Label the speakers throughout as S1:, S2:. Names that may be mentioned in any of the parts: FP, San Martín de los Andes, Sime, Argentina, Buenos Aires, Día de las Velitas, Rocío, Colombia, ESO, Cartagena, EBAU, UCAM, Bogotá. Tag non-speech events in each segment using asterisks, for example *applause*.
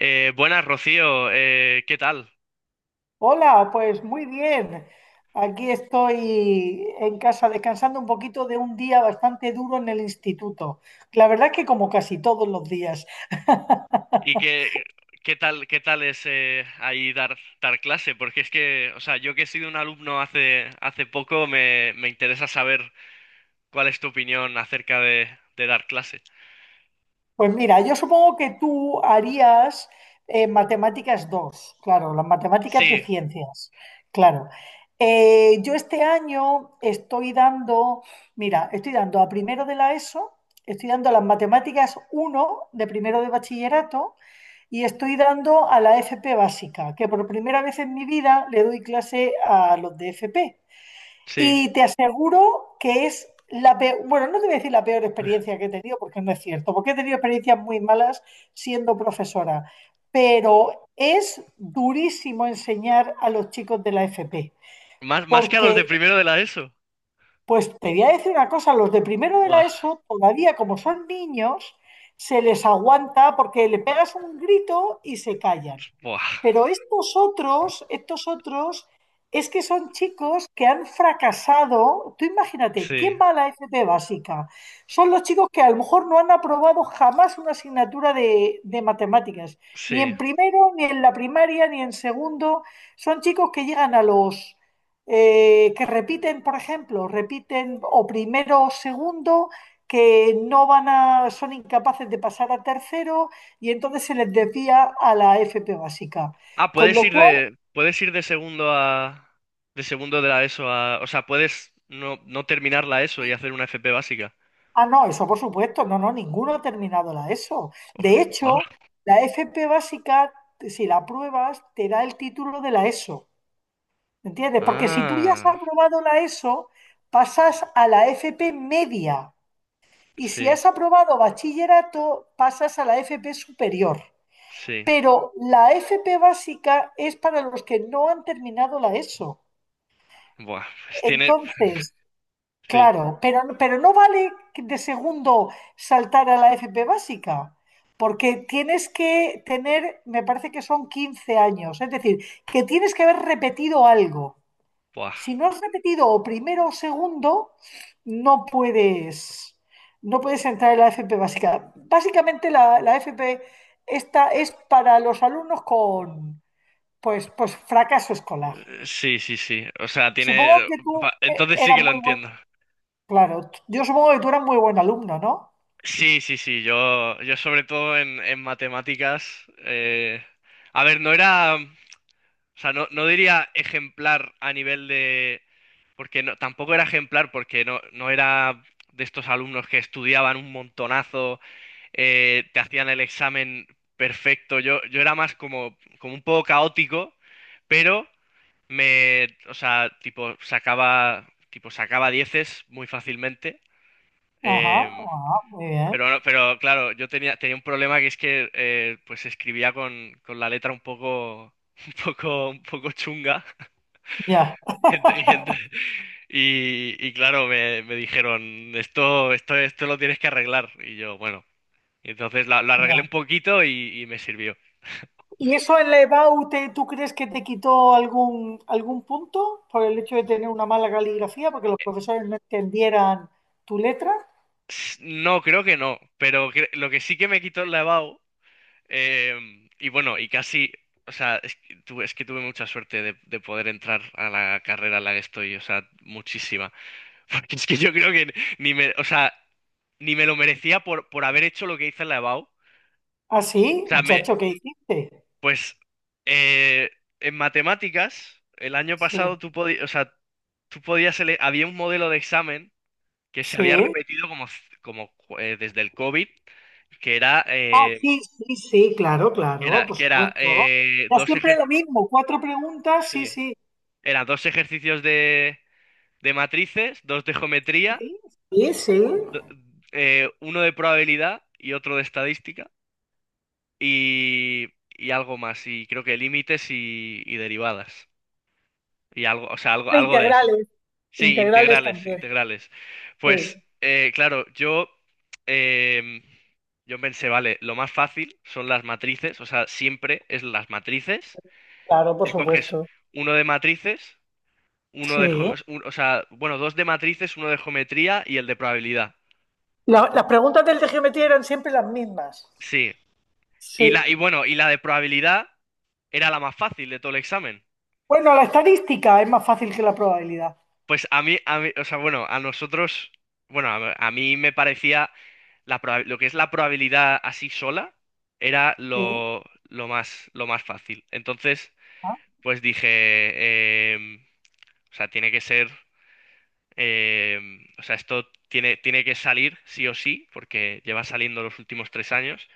S1: Buenas, Rocío, ¿qué tal?
S2: Hola, pues muy bien. Aquí estoy en casa descansando un poquito de un día bastante duro en el instituto. La verdad es que como casi todos los días. *laughs*
S1: ¿Y qué, qué tal es ahí dar clase? Porque es que, o sea, yo que he sido un alumno hace poco, me interesa saber cuál es tu opinión de dar clase.
S2: Pues mira, yo supongo que tú harías matemáticas 2, claro, las matemáticas de
S1: Sí,
S2: ciencias, claro. Yo este año estoy dando, mira, estoy dando a primero de la ESO, estoy dando las matemáticas uno de primero de bachillerato y estoy dando a la FP básica, que por primera vez en mi vida le doy clase a los de FP.
S1: sí.
S2: Y te aseguro que es la peor, bueno, no te voy a decir la peor experiencia que he tenido, porque no es cierto, porque he tenido experiencias muy malas siendo profesora, pero es durísimo enseñar a los chicos de la FP,
S1: Más, más que a los de
S2: porque,
S1: primero de la ESO.
S2: pues te voy a decir una cosa, los de primero de la
S1: Buah,
S2: ESO, todavía como son niños, se les aguanta porque le pegas un grito y se callan.
S1: buah.
S2: Pero estos otros, es que son chicos que han fracasado. Tú imagínate, ¿quién
S1: Sí,
S2: va a la FP básica? Son los chicos que a lo mejor no han aprobado jamás una asignatura de matemáticas, ni
S1: sí.
S2: en primero, ni en la primaria, ni en segundo. Son chicos que llegan a los... que repiten, por ejemplo, repiten o primero o segundo, que no van a, son incapaces de pasar a tercero y entonces se les desvía a la FP básica.
S1: Ah,
S2: Con lo cual,
S1: puedes ir de segundo a, de segundo de la ESO a, o sea, puedes no terminar la ESO y
S2: sí.
S1: hacer una FP básica.
S2: Ah, no, eso por supuesto, no, no, ninguno ha terminado la ESO. De
S1: Ah.
S2: hecho, la FP básica, si la apruebas, te da el título de la ESO, ¿entiendes? Porque si tú ya has
S1: Ah.
S2: aprobado la ESO, pasas a la FP media. Y si
S1: Sí,
S2: has aprobado bachillerato, pasas a la FP superior.
S1: sí.
S2: Pero la FP básica es para los que no han terminado la ESO.
S1: Buah, pues tiene.
S2: Entonces,
S1: Sí,
S2: claro, pero no vale que de segundo saltar a la FP básica, porque tienes que tener, me parece que son 15 años, es decir, que tienes que haber repetido algo.
S1: buah.
S2: Si no has repetido o primero o segundo, no puedes, no puedes entrar en la FP básica. Básicamente la FP esta es para los alumnos con pues fracaso escolar.
S1: Sí, sí, sí. O sea, tiene.
S2: Supongo que tú
S1: Va, entonces sí
S2: eras
S1: que lo
S2: muy bueno.
S1: entiendo.
S2: Claro, yo supongo que tú eras muy buen alumno, ¿no?
S1: Sí, sí, sí. Yo sobre todo en matemáticas. A ver, no era. O sea, no, no diría ejemplar a nivel de. Porque no, tampoco era ejemplar porque no, no era de estos alumnos que estudiaban un montonazo. Te hacían el examen perfecto. Yo era más como, como un poco caótico, pero o sea, tipo, tipo, sacaba dieces muy fácilmente.
S2: Ajá,
S1: Eh,
S2: ajá, muy bien.
S1: pero, no- Pero claro, tenía un problema que es que pues escribía con la letra un poco, *laughs* un poco chunga. *laughs*
S2: Ya,
S1: Y, ent- y ent- y claro, me dijeron, esto lo tienes que arreglar. Y yo, bueno, entonces la arreglé un
S2: ya.
S1: poquito y me sirvió.
S2: ¿Y eso en la EBAU tú crees que te quitó algún punto por el hecho de tener una mala caligrafía, porque los profesores no entendieran tu letra?
S1: No, creo que no, lo que sí que me quitó el lavabo, y bueno, y casi, o sea, es que tuve mucha suerte de poder entrar a la carrera en la que estoy, o sea, muchísima. *laughs* Porque es que yo creo que ni me, o sea, ni me lo merecía por haber hecho lo que hice en la EBAU. O
S2: Ah, sí,
S1: sea,
S2: muchacho, ¿qué hiciste?
S1: pues eh, en matemáticas, el año
S2: Sí,
S1: pasado o sea, había un modelo de examen que se había
S2: sí.
S1: repetido como desde el COVID, que era,
S2: Ah,
S1: eh,
S2: sí, sí, sí, claro, claro, por
S1: que era
S2: supuesto. Ya siempre lo mismo, cuatro preguntas, sí,
S1: sí,
S2: sí.
S1: era dos ejercicios de matrices, dos de geometría,
S2: Sí, sí. Sí.
S1: uno de probabilidad y otro de estadística, y algo más, y creo que límites y derivadas, y algo, o sea, algo, algo de eso.
S2: Integrales,
S1: Sí,
S2: integrales
S1: integrales,
S2: también.
S1: integrales.
S2: Sí,
S1: Pues em, yo pensé, vale, lo más fácil son las matrices, o sea, siempre es las matrices.
S2: claro, por
S1: Te coges
S2: supuesto.
S1: uno de matrices, uno de, jo-
S2: Sí.
S1: un- o sea, bueno, dos de matrices, uno de geometría y el de probabilidad.
S2: Las preguntas del de geometría eran siempre las mismas.
S1: Sí. Y
S2: Sí.
S1: bueno, y la de probabilidad era la más fácil de todo el examen.
S2: Bueno, la estadística es más fácil que la probabilidad.
S1: Pues a mí, o sea, bueno, a nosotros, bueno, a mí me parecía lo que es la probabilidad así sola era
S2: Sí.
S1: lo más fácil. Entonces,
S2: Ah,
S1: pues dije, o sea, tiene que ser, em, o sea, esto tiene que salir sí o sí, porque lleva saliendo los últimos tres años.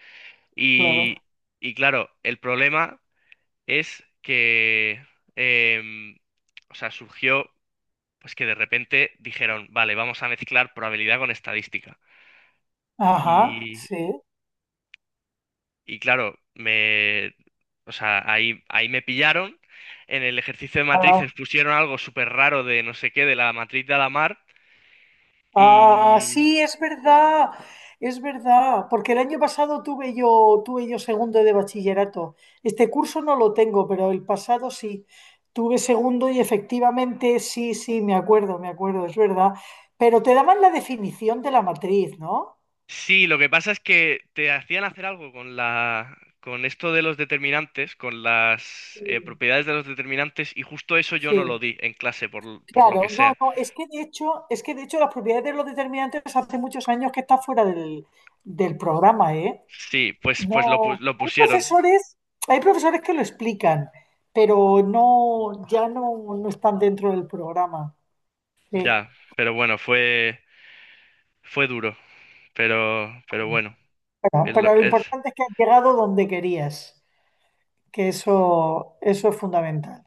S2: claro.
S1: Y, y claro, el problema es que, em, o sea, surgió pues que de repente dijeron, vale, vamos a mezclar probabilidad con estadística.
S2: Ajá,
S1: Y,
S2: sí.
S1: y claro, o sea, ahí, ahí me pillaron. En el ejercicio de
S2: Ah,
S1: matrices pusieron algo súper raro de no sé qué, de la matriz de Alamar.
S2: ah,
S1: Y
S2: sí, es verdad. Es verdad. Porque el año pasado tuve yo segundo de bachillerato. Este curso no lo tengo, pero el pasado sí. Tuve segundo y efectivamente sí, sí, me acuerdo, es verdad. Pero te daban la definición de la matriz, ¿no?
S1: sí, lo que pasa es que te hacían hacer algo con la, con esto de los determinantes, con las
S2: Sí.
S1: propiedades de los determinantes, y justo eso yo no
S2: Sí.
S1: lo di en clase, por lo que
S2: Claro, no,
S1: sea.
S2: no, es que de hecho las propiedades de los determinantes hace muchos años que está fuera del programa, ¿eh?
S1: Sí,
S2: No,
S1: lo
S2: hay
S1: pusieron.
S2: profesores, hay profesores que lo explican, pero no, ya no, no están dentro del programa. Sí,
S1: Ya, pero bueno, fue duro, pero bueno,
S2: Pero,
S1: es, lo-
S2: pero lo
S1: es-
S2: importante es que has llegado donde querías, que eso es fundamental.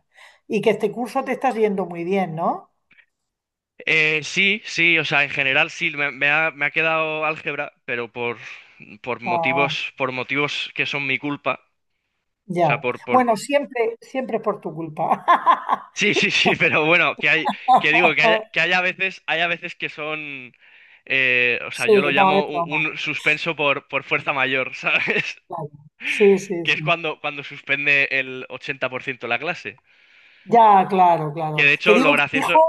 S2: Y que este curso te estás yendo muy bien, ¿no?
S1: sí, sí, o sea, en general sí, me ha quedado álgebra, pero
S2: Ah,
S1: por motivos que son mi culpa, o
S2: ya.
S1: sea,
S2: Bueno, siempre, siempre es por tu culpa.
S1: *laughs* sí, sí, sí, *laughs* pero bueno, que hay, que digo, que hay
S2: *laughs*
S1: que haya veces, hay a veces que son, o sea,
S2: Sí,
S1: yo lo
S2: no, es
S1: llamo
S2: broma,
S1: un suspenso por fuerza mayor, *laughs* ¿sabes?
S2: claro. Sí, sí,
S1: Que es
S2: sí.
S1: cuando suspende el 80% la clase.
S2: Ya, claro,
S1: Que
S2: claro.
S1: de
S2: Te
S1: hecho, lo
S2: digo que mi
S1: gracioso,
S2: hijo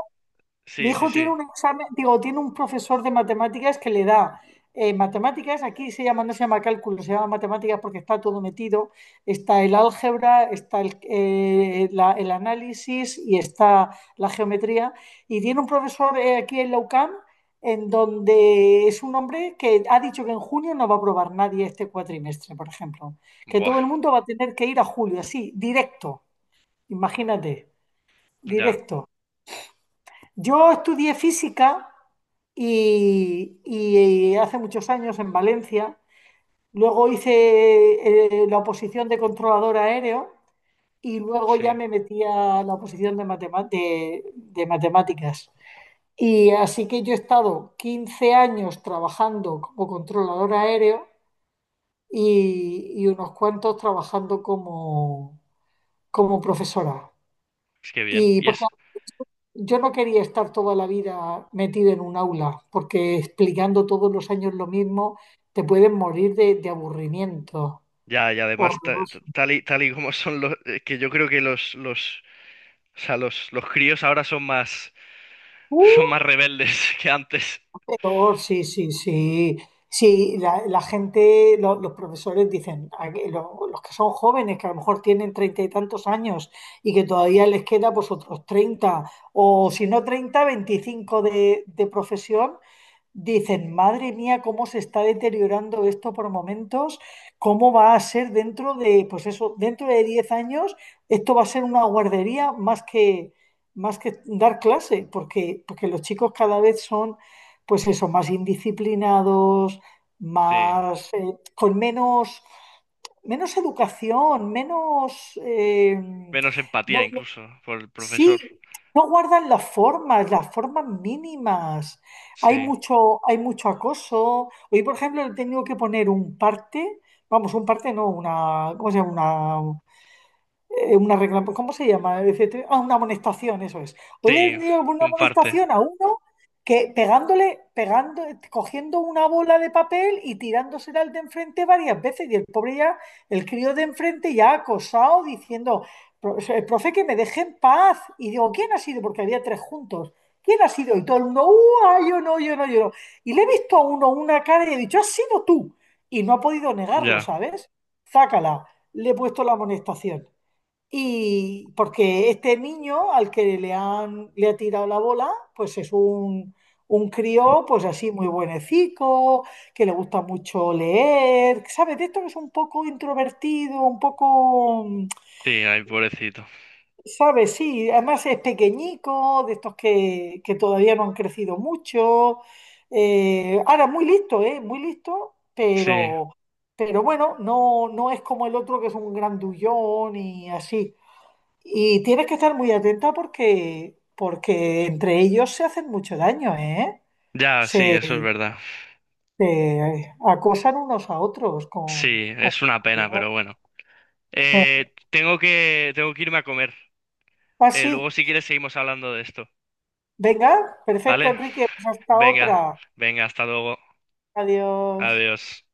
S2: Mi
S1: sí, sí,
S2: hijo
S1: sí.
S2: tiene un examen, digo, tiene un profesor de matemáticas que le da matemáticas, aquí se llama, no se llama cálculo, se llama matemáticas porque está todo metido, está el álgebra, está el análisis y está la geometría. Y tiene un profesor aquí en la UCAM en donde es un hombre que ha dicho que en junio no va a aprobar nadie este cuatrimestre, por ejemplo, que
S1: Buah,
S2: todo el mundo va a tener que ir a julio, así, directo, imagínate,
S1: ya,
S2: directo. Yo estudié física y hace muchos años en Valencia. Luego hice la oposición de controlador aéreo y luego ya
S1: sí,
S2: me metí a la oposición de matemáticas. Y así que yo he estado 15 años trabajando como controlador aéreo y unos cuantos trabajando como profesora.
S1: es que bien.
S2: Y
S1: Y
S2: porque
S1: es,
S2: yo no quería estar toda la vida metido en un aula, porque explicando todos los años lo mismo, te puedes morir de aburrimiento.
S1: ya, y además, ta- ta-
S2: Horroroso.
S1: tal y, tal y como son los, que yo creo que o sea, los críos ahora son más, *laughs*
S2: Uh,
S1: son más rebeldes *laughs* que antes.
S2: peor, sí, sí, sí. Sí, la gente, los profesores dicen, a que los que son jóvenes, que a lo mejor tienen 30 y tantos años y que todavía les queda pues otros 30, o si no 30, 25 de profesión, dicen, madre mía, cómo se está deteriorando esto por momentos, cómo va a ser dentro de, pues eso, dentro de 10 años, esto va a ser una guardería más que dar clase, porque los chicos cada vez son, pues eso, más indisciplinados,
S1: Sí,
S2: más, con menos educación, menos,
S1: menos empatía
S2: no,
S1: incluso por el
S2: sí,
S1: profesor.
S2: no guardan las formas mínimas.
S1: Sí,
S2: Hay mucho acoso. Hoy, por ejemplo, le he tenido que poner un parte, vamos, un parte no, una, ¿cómo se llama? Una regla, pues, ¿cómo se llama? Etcétera. Ah, una amonestación, eso es. Hoy
S1: sí,
S2: le dio una
S1: un parte,
S2: amonestación a uno que pegándole, pegando, cogiendo una bola de papel y tirándosela al de enfrente varias veces. Y el pobre ya, el crío de enfrente ya acosado, diciendo, profe, que me deje en paz". Y digo, ¿quién ha sido? Porque había tres juntos. ¿Quién ha sido? Y todo el mundo, ah, yo no, yo no, yo no". Y le he visto a uno una cara y he dicho, has sido tú. Y no ha podido negarlo,
S1: ya,
S2: ¿sabes? Zácala, le he puesto la amonestación. Y porque este niño al que le han, le ha tirado la bola, pues es un crío, pues así muy buenecico, que le gusta mucho leer, ¿sabes? De esto que es un poco introvertido, un poco,
S1: sí, ay, pobrecito.
S2: ¿sabes? Sí, además es pequeñico, de estos que todavía no han crecido mucho. Ahora, muy listo, ¿eh? Muy listo,
S1: Sí,
S2: pero, bueno, no es como el otro que es un grandullón y así. Y tienes que estar muy atenta porque entre ellos se hacen mucho daño, ¿eh?
S1: ya, sí,
S2: Se,
S1: eso es verdad.
S2: se acosan unos a otros con,
S1: Sí,
S2: con-
S1: es una pena, pero bueno.
S2: Eh,
S1: Tengo que, tengo que irme a comer.
S2: Ah, sí.
S1: Luego si quieres seguimos hablando de esto.
S2: Venga, perfecto,
S1: ¿Vale?
S2: Enrique. Pues hasta
S1: Venga,
S2: otra.
S1: venga, hasta luego.
S2: Adiós.
S1: Adiós.